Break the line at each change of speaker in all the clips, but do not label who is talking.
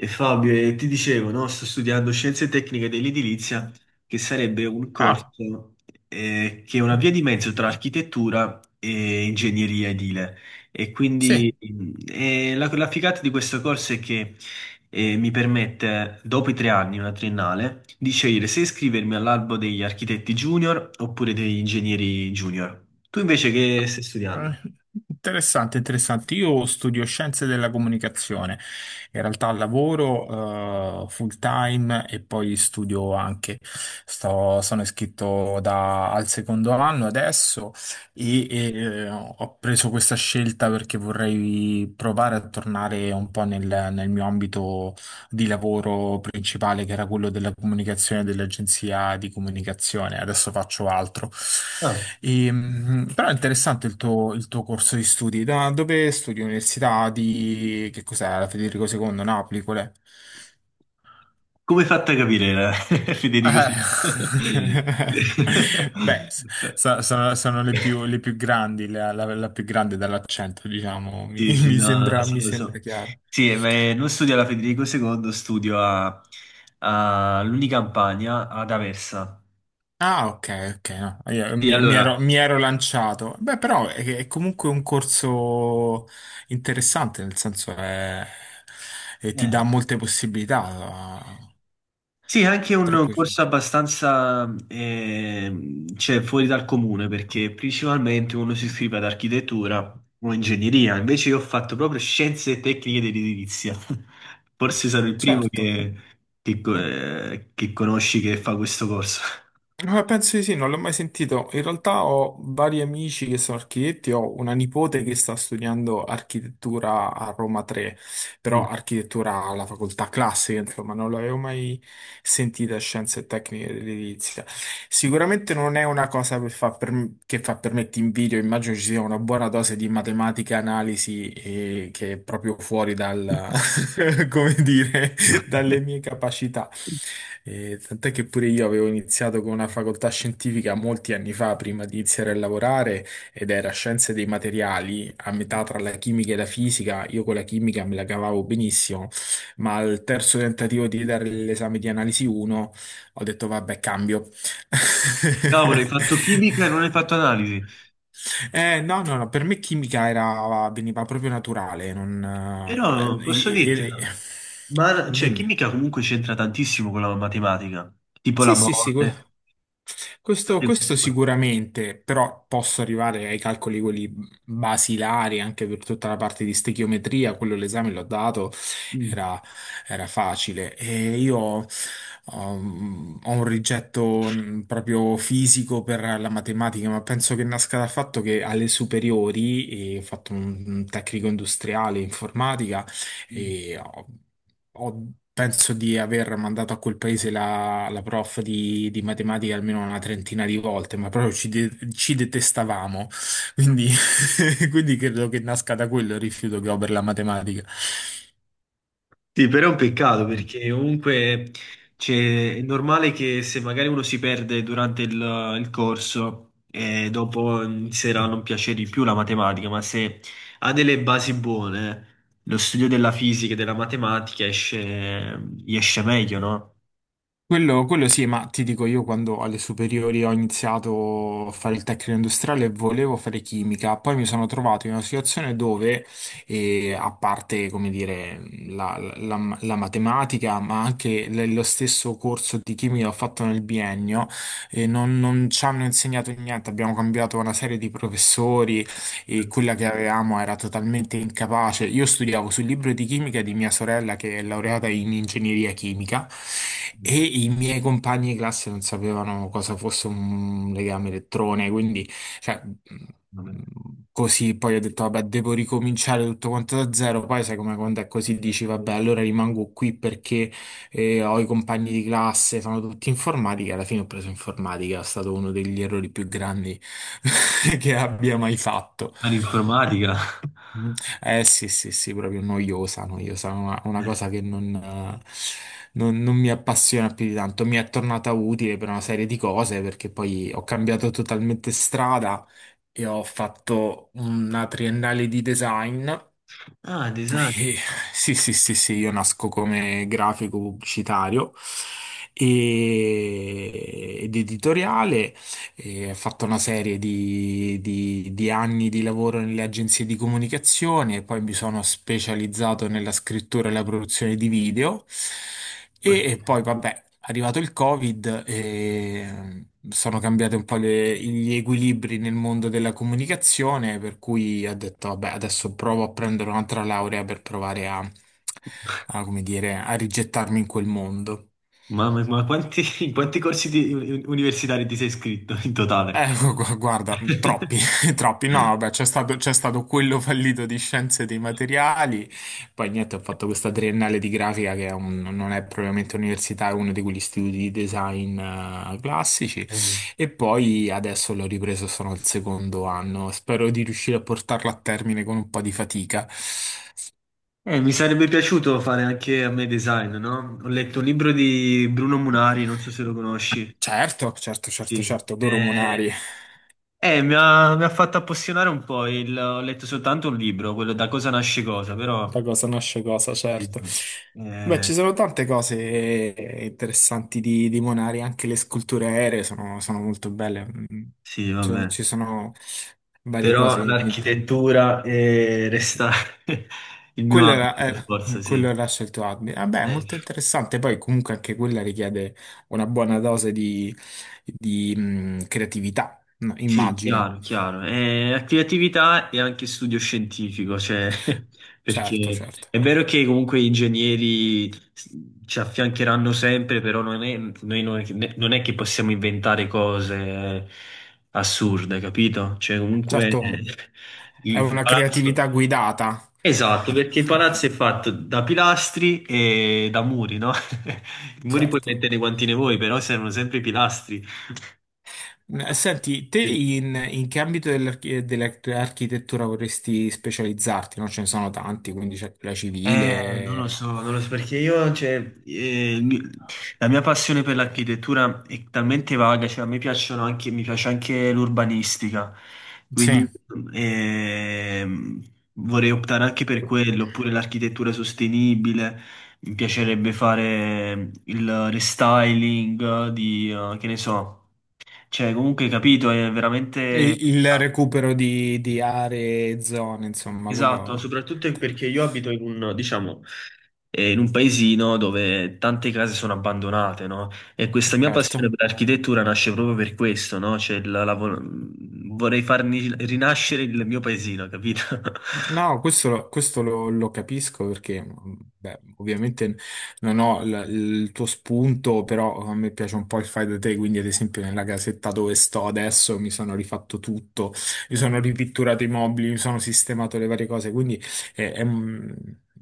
E Fabio, ti dicevo, no? Sto studiando scienze tecniche dell'edilizia, che sarebbe un
Ah,
corso che è una via di mezzo tra architettura e ingegneria edile. E quindi
sì.
la figata di questo corso è che mi permette, dopo i 3 anni, una triennale, di scegliere se iscrivermi all'albo degli architetti junior oppure degli ingegneri junior. Tu invece che stai
Eh,
studiando?
Interessante, interessante. Io studio scienze della comunicazione, in realtà lavoro full time e poi studio anche. Sono iscritto al secondo anno adesso e, ho preso questa scelta perché vorrei provare a tornare un po' nel, nel mio ambito di lavoro principale che era quello della comunicazione dell'agenzia di comunicazione, adesso faccio altro. E, però è interessante il tuo corso di studi. Da dove studi? Università di... che cos'è? La Federico II, Napoli, qual è?
Come hai fatto a capire, Federico? Sì,
Eh, Beh, sono le più grandi, la più grande dall'accento, diciamo,
sì, sì, no, no, lo so,
mi
lo
sembra
so.
chiaro.
Sì, ma, non studio alla Federico II, studio all'Unicampagna, ad Aversa.
Ah, ok, ok, no, io
Sì, allora,
mi ero lanciato. Beh, però è comunque un corso interessante, nel senso è, e ti
eh,
dà molte possibilità,
sì, è anche
tra
un
cui...
corso abbastanza cioè, fuori dal comune perché principalmente uno si iscrive ad architettura o ingegneria, invece io ho fatto proprio scienze e tecniche dell'edilizia. Forse sarò il primo
Certo.
che conosci che fa questo corso.
Penso di sì, non l'ho mai sentito. In realtà ho vari amici che sono architetti, ho una nipote che sta studiando architettura a Roma 3,
Mm.
però architettura alla facoltà classica, insomma, non l'avevo mai sentita scienze e tecniche dell'edilizia. Sicuramente non è una cosa che fa per me ti invidio, immagino ci sia una buona dose di matematica, analisi, che è proprio fuori dal, come dire, dalle mie capacità. Tant'è che pure io avevo iniziato con una facoltà scientifica molti anni fa, prima di iniziare a lavorare, ed era scienze dei materiali, a metà tra la chimica e la fisica. Io con la chimica me la cavavo benissimo, ma al terzo tentativo di dare l'esame di analisi 1 ho detto vabbè, cambio.
Cavolo, hai fatto chimica e non hai fatto analisi.
No, no, no, per me chimica era, veniva proprio naturale, non...
Però
eh,
posso dirti,
eh, eh,
no? Ma cioè,
dimmi.
chimica comunque c'entra tantissimo con la matematica, tipo la
Sì, sì, sì,
mole.
questo, questo sicuramente, però posso arrivare ai calcoli quelli basilari anche per tutta la parte di stechiometria, quello l'esame l'ho dato,
Mm.
era, era facile. E io ho un rigetto proprio fisico per la matematica, ma penso che nasca dal fatto che alle superiori, e ho fatto un tecnico industriale informatica,
Mm.
e ho- penso di aver mandato a quel paese la, la prof di matematica almeno una trentina di volte, ma proprio ci, ci detestavamo, quindi, quindi credo che nasca da quello il rifiuto che ho per la matematica.
Sì, però è un peccato
Mm.
perché comunque cioè, è normale che se magari uno si perde durante il corso e dopo inizierà a non piacere di più la matematica, ma se ha delle basi buone, lo studio della fisica e della matematica esce, gli esce meglio, no?
Quello sì, ma ti dico io quando alle superiori ho iniziato a fare il tecnico industriale volevo fare chimica, poi mi sono trovato in una situazione dove, a parte, come dire, la, la matematica, ma anche lo stesso corso di chimica che ho fatto nel biennio, non, non ci hanno insegnato niente, abbiamo cambiato una serie di professori e
Mm.
quella che avevamo era totalmente incapace. Io studiavo sul libro di chimica di mia sorella che è laureata in ingegneria chimica
Mm.
e i miei compagni di classe non sapevano cosa fosse un legame elettrone, quindi cioè,
Vabbè.
così poi ho detto vabbè devo ricominciare tutto quanto da zero, poi sai come quando è così dici vabbè allora rimango qui perché e ho i compagni di classe, fanno tutti informatica. Alla fine ho preso informatica, è stato uno degli errori più grandi che abbia mai fatto.
Ma l'informatica.
Mm. Eh sì, sì, sì, proprio noiosa, noiosa, una
Eh.
cosa che non, non mi appassiona più di tanto. Mi è tornata utile per una serie di cose perché poi ho cambiato totalmente strada e ho fatto una triennale di design
Ah, design.
eh, Sì, sì, sì, sì, io nasco come grafico pubblicitario ed editoriale e ha fatto una serie di, di anni di lavoro nelle agenzie di comunicazione e poi mi sono specializzato nella scrittura e la produzione di video.
Ok.
E poi, vabbè, è arrivato il Covid e sono cambiati un po' gli equilibri nel mondo della comunicazione, per cui ho detto, vabbè, adesso provo a prendere un'altra laurea per provare a, a, come dire, a rigettarmi in quel mondo.
Mamma mia, ma quanti, in quanti universitari ti sei iscritto in totale?
Guarda, troppi, troppi. No, vabbè, c'è stato quello fallito di scienze dei materiali, poi niente, ho fatto questa triennale di grafica che è non è propriamente università, è uno di quegli istituti di design classici e poi adesso l'ho ripreso, sono al secondo anno. Spero di riuscire a portarla a termine con un po' di fatica.
Mi sarebbe piaciuto fare anche a me design, no? Ho letto un libro di Bruno Munari, non so se lo conosci.
Certo, certo, certo,
Sì.
certo, adoro
Eh,
Monari.
eh, mi ha, mi ha fatto appassionare un po', ho letto soltanto un libro, quello Da cosa nasce cosa,
Da
però.
cosa nasce cosa, certo. Beh,
Eh,
ci sono tante cose interessanti di Monari, anche le sculture aeree sono, sono molto belle. Mm,
sì,
ci
vabbè.
sono varie cose.
Però
Che
l'architettura resta il mio
Quello era,
ambito, per forza,
eh,
sì.
quello era scelto Admi. Vabbè, è
Eh,
molto interessante. Poi comunque anche quella richiede una buona dose di, creatività, no?
sì,
Immagino.
chiaro, chiaro. Creatività e anche studio scientifico, cioè,
Certo,
perché
certo.
è vero che comunque gli ingegneri ci affiancheranno sempre, però non è, noi non è, che non è che possiamo inventare cose assurde, capito? Cioè, comunque
Certo, è
il
una creatività
palazzo.
guidata.
Esatto, perché il palazzo è fatto da pilastri e da muri, no? I muri puoi
Certo.
mettere quanti ne vuoi, però servono sempre i pilastri.
Mm, senti, te in, in che ambito dell'architettura vorresti specializzarti? No? Ce ne sono tanti, quindi c'è quella
Non lo
civile,
so, non lo so perché io, cioè, la mia passione per l'architettura è talmente vaga, cioè a me piacciono anche, mi piace anche l'urbanistica,
sì,
quindi ehm, vorrei optare anche per quello, oppure l'architettura sostenibile, mi piacerebbe fare il restyling di, che ne so, cioè comunque capito, è
e
veramente.
il
Ah,
recupero di aree, zone, insomma,
esatto,
quello
soprattutto perché io abito in un, diciamo, in un paesino dove tante case sono abbandonate, no? E questa mia passione
certo.
per l'architettura nasce proprio per questo, no? Cioè, vorrei farmi rinascere il mio paesino, capito?
No, questo, lo, questo lo capisco perché, beh, ovviamente non ho il tuo spunto, però a me piace un po' il fai da te, quindi ad esempio nella casetta dove sto adesso mi sono rifatto tutto, mi sono ripitturato i mobili, mi sono sistemato le varie cose, quindi è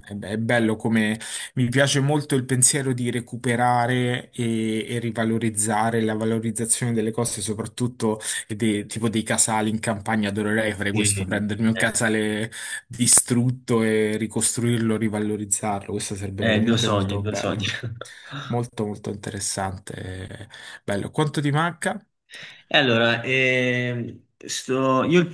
è è bello come mi piace molto il pensiero di recuperare e rivalorizzare la valorizzazione delle cose, soprattutto e tipo dei casali in campagna, adorerei fare questo,
Sì.
prendermi un
Eh,
casale distrutto e ricostruirlo, rivalorizzarlo. Questo sarebbe
è il mio
veramente
sogno, il
molto
mio sogno.
bello. Molto, molto interessante. Eh, Bello. Quanto ti manca?
E allora, io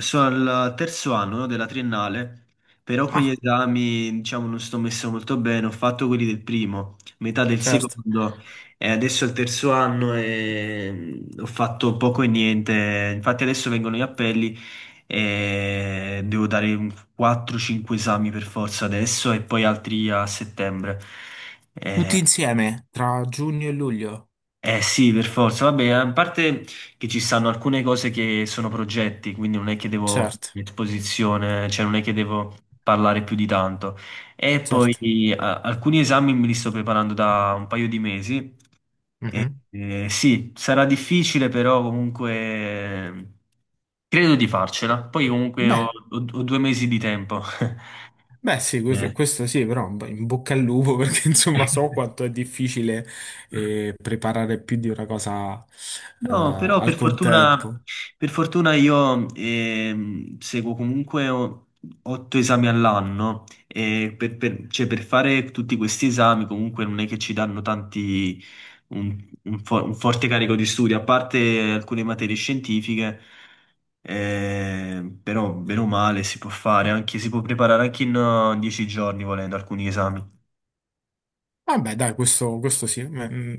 sono al terzo anno, no, della triennale, però con gli
Ah,
esami, diciamo, non sto messo molto bene. Ho fatto quelli del primo, metà del
certo.
secondo, e adesso al terzo anno e ho fatto poco e niente. Infatti adesso vengono gli appelli e devo dare un 4-5 esami per forza adesso e poi altri a settembre.
Tutti insieme, tra giugno e luglio.
Eh sì, per forza. Vabbè, a parte che ci stanno alcune cose che sono progetti, quindi non è che devo
Certo,
esposizione, cioè non è che devo parlare più di tanto. E
certo.
poi alcuni esami me li sto preparando da un paio di mesi. E,
Mhm.
sì, sarà difficile, però comunque credo di farcela. Poi comunque
Beh,
ho 2 mesi di tempo.
beh, sì, questo,
Eh.
questo sì, però in bocca al lupo perché insomma so quanto è difficile preparare più di una cosa
No, però
al contempo.
per fortuna io seguo comunque otto esami all'anno e cioè, per fare tutti questi esami comunque non è che ci danno tanti, un, un forte carico di studio, a parte alcune materie scientifiche, però bene o male si può fare, anche, si può preparare anche in 10 giorni volendo alcuni esami.
Vabbè, dai, questo sì, mm,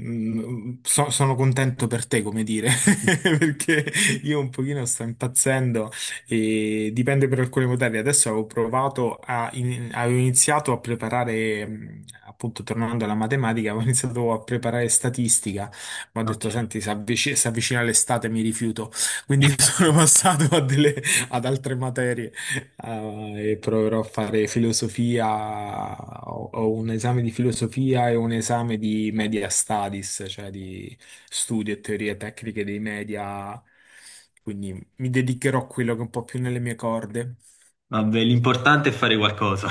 mm, sono contento per te, come dire, perché io un pochino sto impazzendo e dipende per alcune materie. Adesso avevo provato a, avevo iniziato a preparare, appunto, tornando alla matematica, avevo iniziato a preparare statistica, ma ho
Ok.
detto, senti, si avvicina l'estate, mi rifiuto, quindi sono passato a ad altre materie e proverò a fare filosofia, ho, ho un esame di filosofia e un esame di media studies, cioè di studio e teorie tecniche dei media, quindi mi dedicherò a quello che è un po' più nelle mie corde.
Vabbè, l'importante è fare qualcosa.